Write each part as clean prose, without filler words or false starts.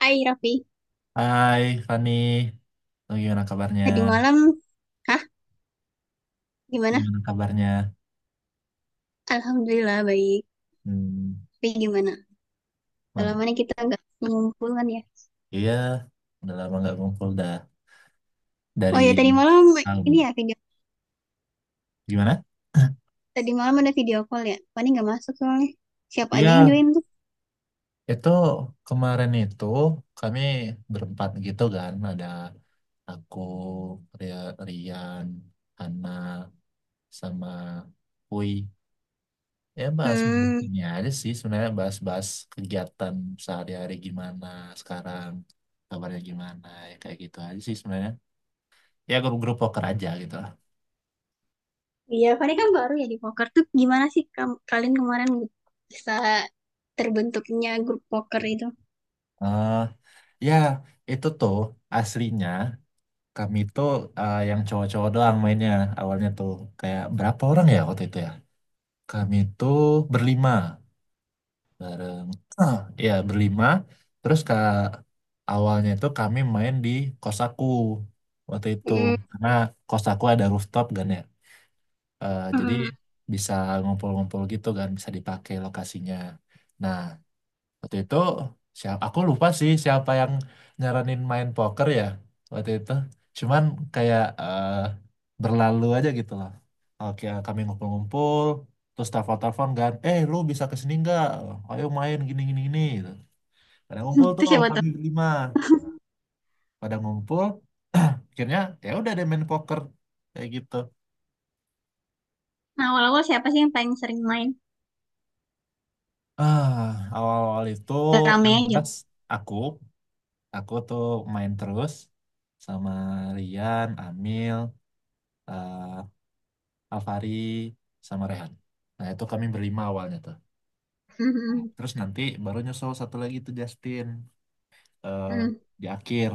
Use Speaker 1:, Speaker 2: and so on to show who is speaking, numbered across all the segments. Speaker 1: Hai Raffi,
Speaker 2: Hai Fani. Oh, gimana kabarnya?
Speaker 1: tadi malam, hah, gimana?
Speaker 2: Gimana kabarnya?
Speaker 1: Alhamdulillah baik.
Speaker 2: Hmm,
Speaker 1: Tapi gimana? Kalau
Speaker 2: man.
Speaker 1: mana kita nggak mengumpulkan ya?
Speaker 2: Iya, udah lama nggak ngumpul dah
Speaker 1: Oh ya,
Speaker 2: dari
Speaker 1: tadi malam ini
Speaker 2: tahun.
Speaker 1: ya video.
Speaker 2: Gimana?
Speaker 1: Tadi malam ada video call ya. Fani nggak masuk soalnya. Siapa aja yang
Speaker 2: Iya,
Speaker 1: join tuh?
Speaker 2: itu kemarin itu kami berempat gitu kan, ada aku, Rian, Hana, sama Hui. Ya bahas
Speaker 1: Hmm,
Speaker 2: ini aja sih sebenarnya, bahas-bahas kegiatan sehari-hari, gimana sekarang, kabarnya gimana, ya kayak gitu aja sih sebenarnya, ya grup-grup poker aja gitu lah.
Speaker 1: iya Fani kan baru ya di poker tuh. Gimana sih kamu, kalian kemarin bisa terbentuknya grup poker itu?
Speaker 2: Eh, Ya itu tuh aslinya kami tuh yang cowok-cowok doang mainnya. Awalnya tuh kayak berapa orang ya waktu itu ya, kami tuh berlima bareng. Ya berlima. Terus ke awalnya itu kami main di kos aku waktu itu,
Speaker 1: Hmm,
Speaker 2: karena kos aku ada rooftop kan ya. Jadi
Speaker 1: hmm.
Speaker 2: bisa ngumpul-ngumpul gitu kan, bisa dipakai lokasinya. Nah, waktu itu siapa, aku lupa sih siapa yang nyaranin main poker ya waktu itu. Cuman kayak berlalu aja gitu loh. Oke, kami ngumpul-ngumpul, terus telepon-telepon kan, lu bisa kesini nggak, ayo main gini gini gini gitu. Pada ngumpul
Speaker 1: Itu
Speaker 2: tuh
Speaker 1: siapa tuh?
Speaker 2: kami berlima, pada ngumpul akhirnya, ya udah deh main poker kayak gitu.
Speaker 1: Nah, awal-awal siapa sih yang paling sering main?
Speaker 2: ah Awal-awal itu
Speaker 1: Gak Rame
Speaker 2: yang
Speaker 1: aja.
Speaker 2: jelas aku aku tuh main terus sama Rian, Amil, eh, Alvari sama Rehan. Nah itu kami berlima awalnya tuh.
Speaker 1: Hmm,
Speaker 2: Terus nanti baru nyusul satu lagi tuh Justin, eh,
Speaker 1: hmm,
Speaker 2: di akhir.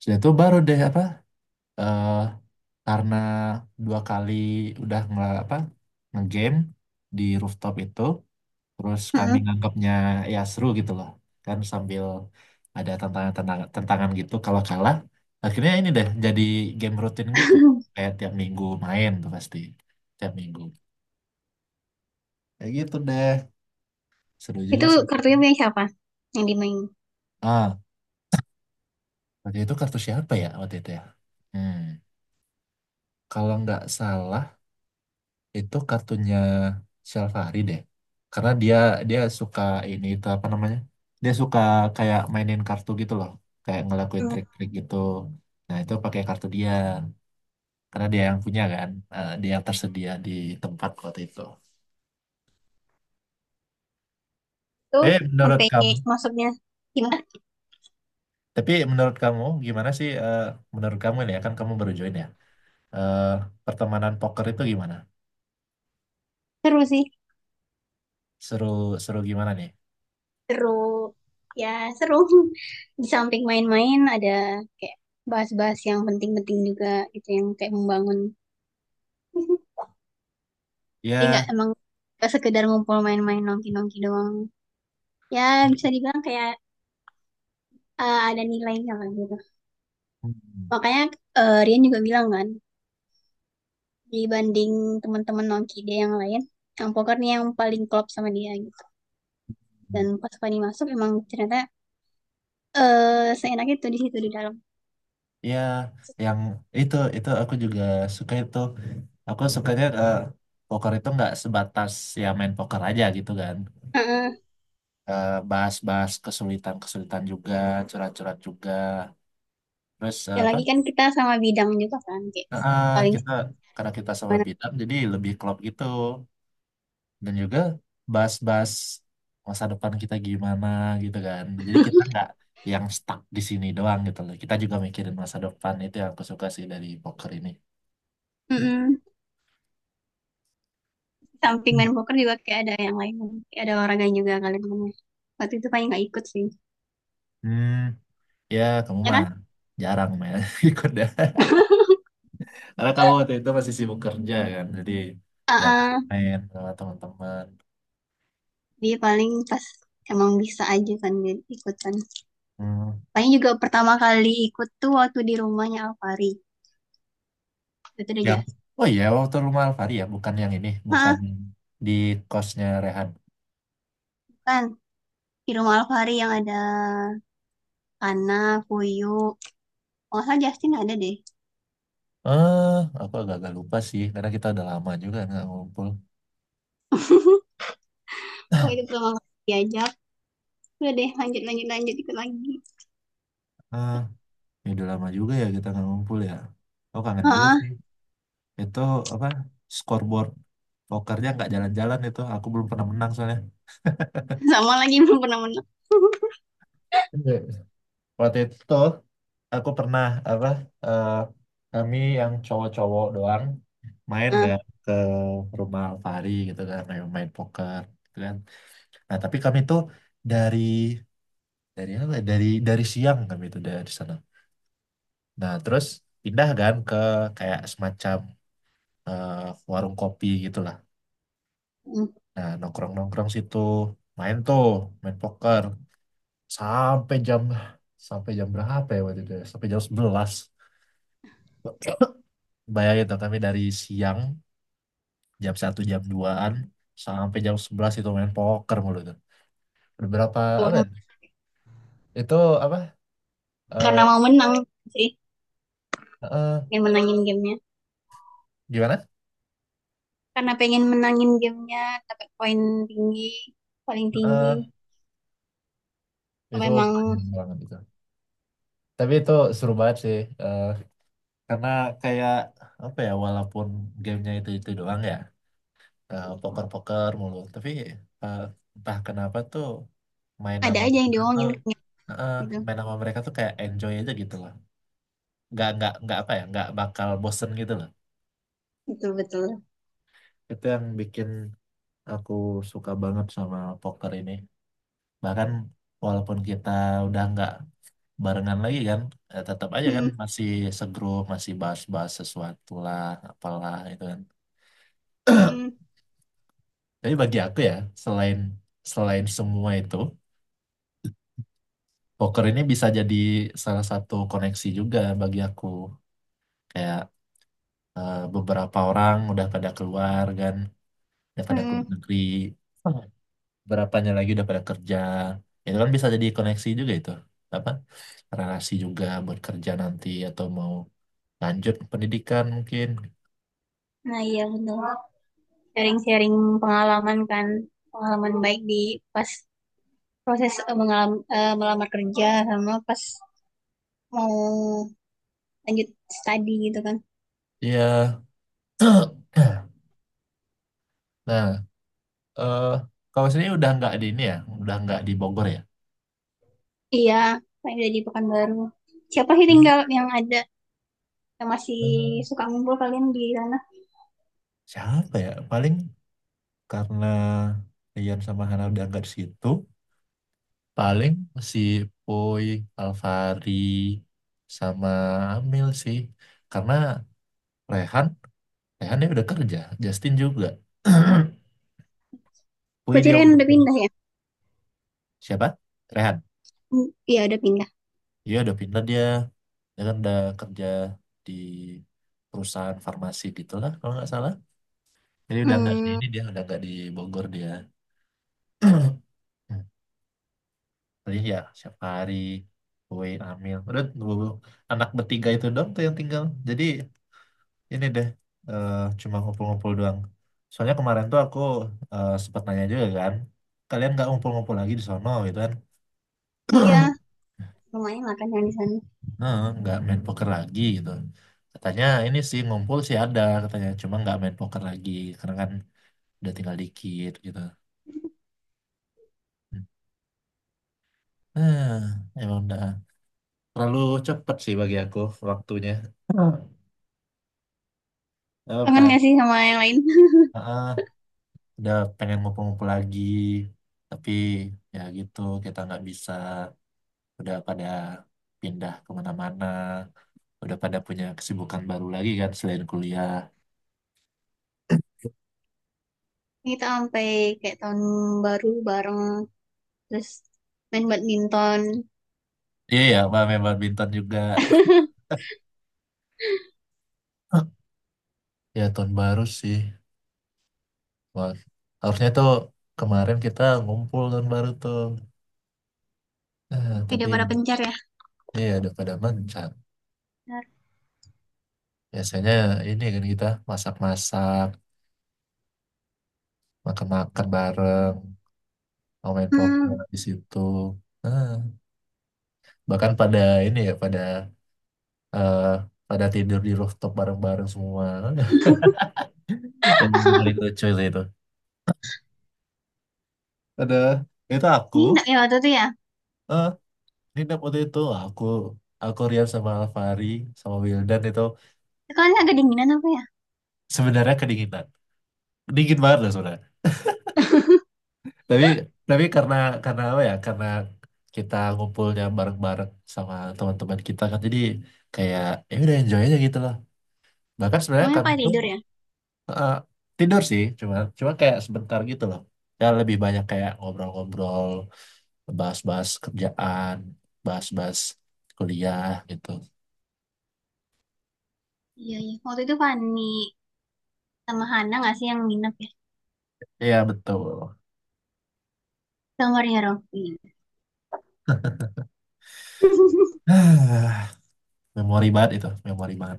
Speaker 2: Sudah itu baru deh apa, eh, karena dua kali udah nge apa, ngegame di rooftop itu, terus kami
Speaker 1: hmm.
Speaker 2: nganggapnya ya seru gitu loh. Kan sambil ada tantangan-tantangan gitu kalau kalah. Akhirnya ini deh jadi game rutin gitu. Kayak tiap minggu main tuh pasti. Tiap minggu. Kayak gitu deh. Seru juga
Speaker 1: Itu
Speaker 2: sih.
Speaker 1: kartunya punya siapa yang dimain?
Speaker 2: Ah, Waktu itu kartu siapa ya waktu itu ya? Hmm. Kalau nggak salah itu kartunya Syafari deh. Karena dia dia suka ini, itu apa namanya? Dia suka kayak mainin kartu gitu loh, kayak ngelakuin
Speaker 1: Hmm,
Speaker 2: trik-trik gitu. Nah, itu pakai kartu dia, karena dia yang punya kan. Dia yang tersedia di tempat waktu itu.
Speaker 1: Itu
Speaker 2: Eh, menurut
Speaker 1: sampai
Speaker 2: kamu,
Speaker 1: masuknya gimana?
Speaker 2: tapi menurut kamu gimana sih? Menurut kamu, ini ya, kan kamu baru join ya. Eh, Pertemanan poker itu gimana?
Speaker 1: Seru sih,
Speaker 2: Seru, seru gimana nih?
Speaker 1: seru. Ya seru. Di samping main-main ada kayak bahas-bahas yang penting-penting juga gitu yang kayak membangun. Jadi nggak
Speaker 2: Ya.
Speaker 1: emang nggak sekedar ngumpul main-main nongki-nongki doang. Ya bisa dibilang kayak ada nilainya lah gitu.
Speaker 2: Hmm.
Speaker 1: Makanya Rian juga bilang kan, dibanding teman-teman nongki dia yang lain, yang poker nih yang paling klop sama dia gitu. Dan pas Fani masuk emang ternyata seenak tuh di situ di dalam.
Speaker 2: Ya, yang itu aku juga suka itu. Aku sukanya poker itu nggak sebatas ya main poker aja gitu kan.
Speaker 1: Heeh.
Speaker 2: Bahas-bahas kesulitan-kesulitan juga, curhat-curhat juga. Terus
Speaker 1: Dan
Speaker 2: apa?
Speaker 1: lagi kan kita sama bidang juga kan kayak
Speaker 2: Eh,
Speaker 1: paling
Speaker 2: kita Karena kita sama
Speaker 1: gimana.
Speaker 2: bidang jadi lebih klop gitu. Dan juga bahas-bahas masa depan kita gimana gitu kan, jadi kita nggak yang stuck di sini doang gitu loh, kita juga mikirin masa depan. Itu yang aku suka sih dari poker ini.
Speaker 1: Mm-mm. Samping main poker juga kayak ada yang lain, kayak ada olahraga juga, kalian temennya waktu itu paling nggak ikut sih,
Speaker 2: Hmm. Ya, kamu
Speaker 1: ya
Speaker 2: mah
Speaker 1: kan.
Speaker 2: jarang main ikut ya, karena kamu waktu itu masih sibuk kerja kan, jadi ya
Speaker 1: Heeh.
Speaker 2: main sama teman-teman.
Speaker 1: Dia paling pas emang bisa aja kan dia ikutan,
Speaker 2: Hmm.
Speaker 1: paling juga pertama kali ikut tuh waktu di rumahnya Alfari, itu udah
Speaker 2: yang
Speaker 1: jas.
Speaker 2: oh iya, waktu rumah Alfari ya, bukan yang ini, bukan,
Speaker 1: Heeh,
Speaker 2: di kosnya Rehan.
Speaker 1: kan di rumah Alfari yang ada Ana, Puyu, oh salah, Justin ada deh.
Speaker 2: eh aku agak-agak lupa sih karena kita udah lama juga nggak ngumpul.
Speaker 1: Oh, itu pertama kali diajak. Udah deh, lanjut, lanjut, lanjut, ikut lagi.
Speaker 2: Ah, Ya udah lama juga ya kita nggak ngumpul ya. Aku kangen juga
Speaker 1: Heeh,
Speaker 2: sih. Itu apa? Scoreboard pokernya nggak jalan-jalan itu. Aku belum pernah menang soalnya.
Speaker 1: sama lagi belum pernah menang.
Speaker 2: Enggak. Waktu itu aku pernah apa? eh, Kami yang cowok-cowok doang main
Speaker 1: Heeh,
Speaker 2: nggak, ke rumah Alfari gitu kan, main poker gitu kan. Nah tapi kami tuh dari dari apa, ya? Dari siang kami itu dari sana. Nah terus pindah kan ke kayak semacam eh, warung kopi gitulah.
Speaker 1: hmm.
Speaker 2: Nah, nongkrong-nongkrong situ, main tuh, main poker, sampai jam sampai jam berapa ya waktu itu? Ya? Sampai jam 11. Bayangin tuh, kami dari siang jam 1, jam duaan, sampai jam 11 itu main poker mulu itu. Berapa apa
Speaker 1: Tuh,
Speaker 2: ya? Itu apa? eh
Speaker 1: karena mau menang sih,
Speaker 2: eh,
Speaker 1: pengen menangin gamenya.
Speaker 2: Gimana?
Speaker 1: Karena pengen menangin gamenya, dapat poin tinggi, paling tinggi.
Speaker 2: Eh,
Speaker 1: Apa
Speaker 2: itu
Speaker 1: emang
Speaker 2: panjang banget itu. Tapi itu seru banget sih. eh, karena kayak apa ya, walaupun gamenya itu doang ya, poker-poker mulu, tapi eh, entah kenapa tuh, main
Speaker 1: ada
Speaker 2: nama
Speaker 1: aja yang
Speaker 2: mereka tuh
Speaker 1: diomongin kayak
Speaker 2: eh,
Speaker 1: gitu.
Speaker 2: main nama mereka tuh kayak enjoy aja gitu loh. Nggak apa ya, nggak bakal bosen gitu loh.
Speaker 1: Betul, betul.
Speaker 2: Itu yang bikin aku suka banget sama poker ini. Bahkan walaupun kita udah nggak barengan lagi kan, tetap aja kan
Speaker 1: Hmm,
Speaker 2: masih segrup, masih bahas-bahas sesuatu lah, apalah itu kan.
Speaker 1: hmm,
Speaker 2: Jadi bagi aku ya, selain selain semua itu, poker ini bisa jadi salah satu koneksi juga bagi aku. Kayak beberapa orang udah pada keluar kan, udah pada keluar
Speaker 1: hmm.
Speaker 2: negeri, berapanya lagi udah pada kerja. Itu kan bisa jadi koneksi juga itu. Apa? Relasi juga buat kerja nanti, atau mau lanjut pendidikan mungkin.
Speaker 1: Nah iya betul. Sharing-sharing pengalaman kan, pengalaman baik di pas proses melamar kerja, sama pas mau lanjut studi gitu kan.
Speaker 2: Iya. Nah, eh kalau sini udah nggak di ini ya, udah nggak di Bogor ya.
Speaker 1: Iya, saya udah di Pekanbaru, siapa sih tinggal yang ada yang masih
Speaker 2: Hmm.
Speaker 1: suka ngumpul kalian di sana?
Speaker 2: Siapa ya? Paling, karena Rian sama Hana udah nggak di situ, paling si Poi, Alvari, sama Amil sih, karena Rehan Rehan dia udah kerja, Justin juga. Poi
Speaker 1: Berarti
Speaker 2: dia
Speaker 1: Rian
Speaker 2: udah
Speaker 1: udah pindah ya?
Speaker 2: siapa, Rehan,
Speaker 1: Hmm, iya udah pindah.
Speaker 2: dia udah pindah dia dia kan udah kerja di perusahaan farmasi gitulah, kalau nggak salah. Jadi udah nggak di
Speaker 1: Hmm.
Speaker 2: ini, dia udah nggak di Bogor dia. Jadi ya siap hari kue amil. Udah anak bertiga itu doang tuh yang tinggal. Jadi ini deh eh, cuma ngumpul-ngumpul doang. Soalnya kemarin tuh aku sempat nanya juga kan, kalian nggak ngumpul-ngumpul lagi di sono gitu kan?
Speaker 1: Iya lumayan lah kan yang di sana.
Speaker 2: Nah, nggak main poker lagi gitu. Katanya ini sih ngumpul sih ada katanya, cuma nggak main poker lagi, karena kan udah tinggal dikit gitu. Nah, emang udah terlalu cepet sih bagi aku waktunya.
Speaker 1: Kangen
Speaker 2: Apa?
Speaker 1: gak sih sama yang lain?
Speaker 2: Udah pengen ngumpul-ngumpul lagi, tapi ya gitu, kita nggak bisa, udah pada pindah kemana-mana, udah pada punya kesibukan baru lagi kan selain kuliah.
Speaker 1: Kita sampai kayak tahun baru bareng, terus main badminton.
Speaker 2: Iya ya, main badminton juga. Ya tahun baru sih. Wah, harusnya tuh kemarin kita ngumpul tahun baru tuh. Tapi
Speaker 1: Udah pada pencar ya.
Speaker 2: iya, udah pada mencar. Biasanya ini kan kita masak-masak, makan-makan bareng, mau main poker
Speaker 1: Hmm.
Speaker 2: di situ. Nah, bahkan pada ini ya, pada eh, pada tidur di rooftop bareng-bareng semua. Itu yang paling lucu sih itu. Ada itu aku,
Speaker 1: Ini enggak ya waktu itu ya.
Speaker 2: eh ini dap waktu itu aku Rian sama Alfari sama Wildan itu,
Speaker 1: Kalian agak dinginan apa ya.
Speaker 2: sebenarnya kedinginan, dingin banget loh sebenarnya. Tapi tapi karena apa ya, karena kita ngumpulnya bareng-bareng sama teman-teman kita kan, jadi kayak ya udah enjoy aja gitu loh. Bahkan sebenarnya
Speaker 1: Namanya apa,
Speaker 2: kami tuh
Speaker 1: tidur ya.
Speaker 2: Eh, tidur sih cuma cuma kayak sebentar gitu loh. Ya lebih banyak kayak ngobrol-ngobrol, bahas-bahas kerjaan, bahas-bahas kuliah gitu.
Speaker 1: Iya iya, waktu itu panik, sama Hana nggak sih yang nginep ya,
Speaker 2: Iya betul.
Speaker 1: kamarnya Raffi.
Speaker 2: Memori banget itu, memori banget.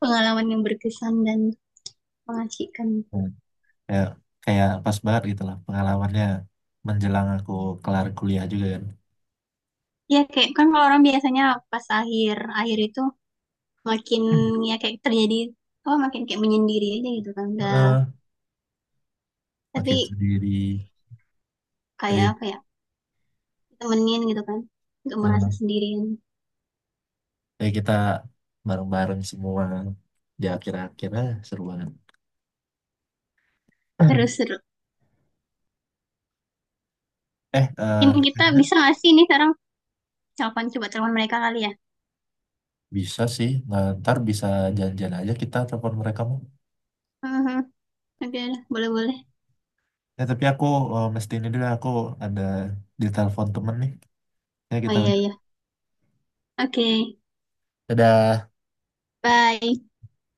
Speaker 1: Pengalaman yang berkesan dan mengasihkan.
Speaker 2: Hmm. kayak kayak pas banget gitu lah pengalamannya, menjelang aku kelar kuliah juga kan.
Speaker 1: Ya kayak kan kalau orang biasanya pas akhir akhir itu makin, ya kayak terjadi, oh makin kayak menyendiri aja gitu kan udah.
Speaker 2: Heeh, makin
Speaker 1: Tapi
Speaker 2: sendiri.
Speaker 1: kayak
Speaker 2: jadi
Speaker 1: apa ya, temenin gitu kan, nggak merasa
Speaker 2: eh,
Speaker 1: sendirian.
Speaker 2: jadi kita bareng-bareng semua di akhir-akhirnya, seru banget.
Speaker 1: Terus seru.
Speaker 2: eh
Speaker 1: Mungkin kita
Speaker 2: eh
Speaker 1: bisa nggak sih ini sekarang telepon, coba telepon mereka kali ya.
Speaker 2: Bisa sih, nah, ntar bisa janjian aja kita telepon mereka mau.
Speaker 1: Mhm. Oke, boleh boleh.
Speaker 2: Ya, tapi aku mesti ini dulu, aku ada di telepon temen nih. Ya,
Speaker 1: Oh
Speaker 2: kita
Speaker 1: iya
Speaker 2: udah.
Speaker 1: iya, oke,
Speaker 2: Dadah.
Speaker 1: bye.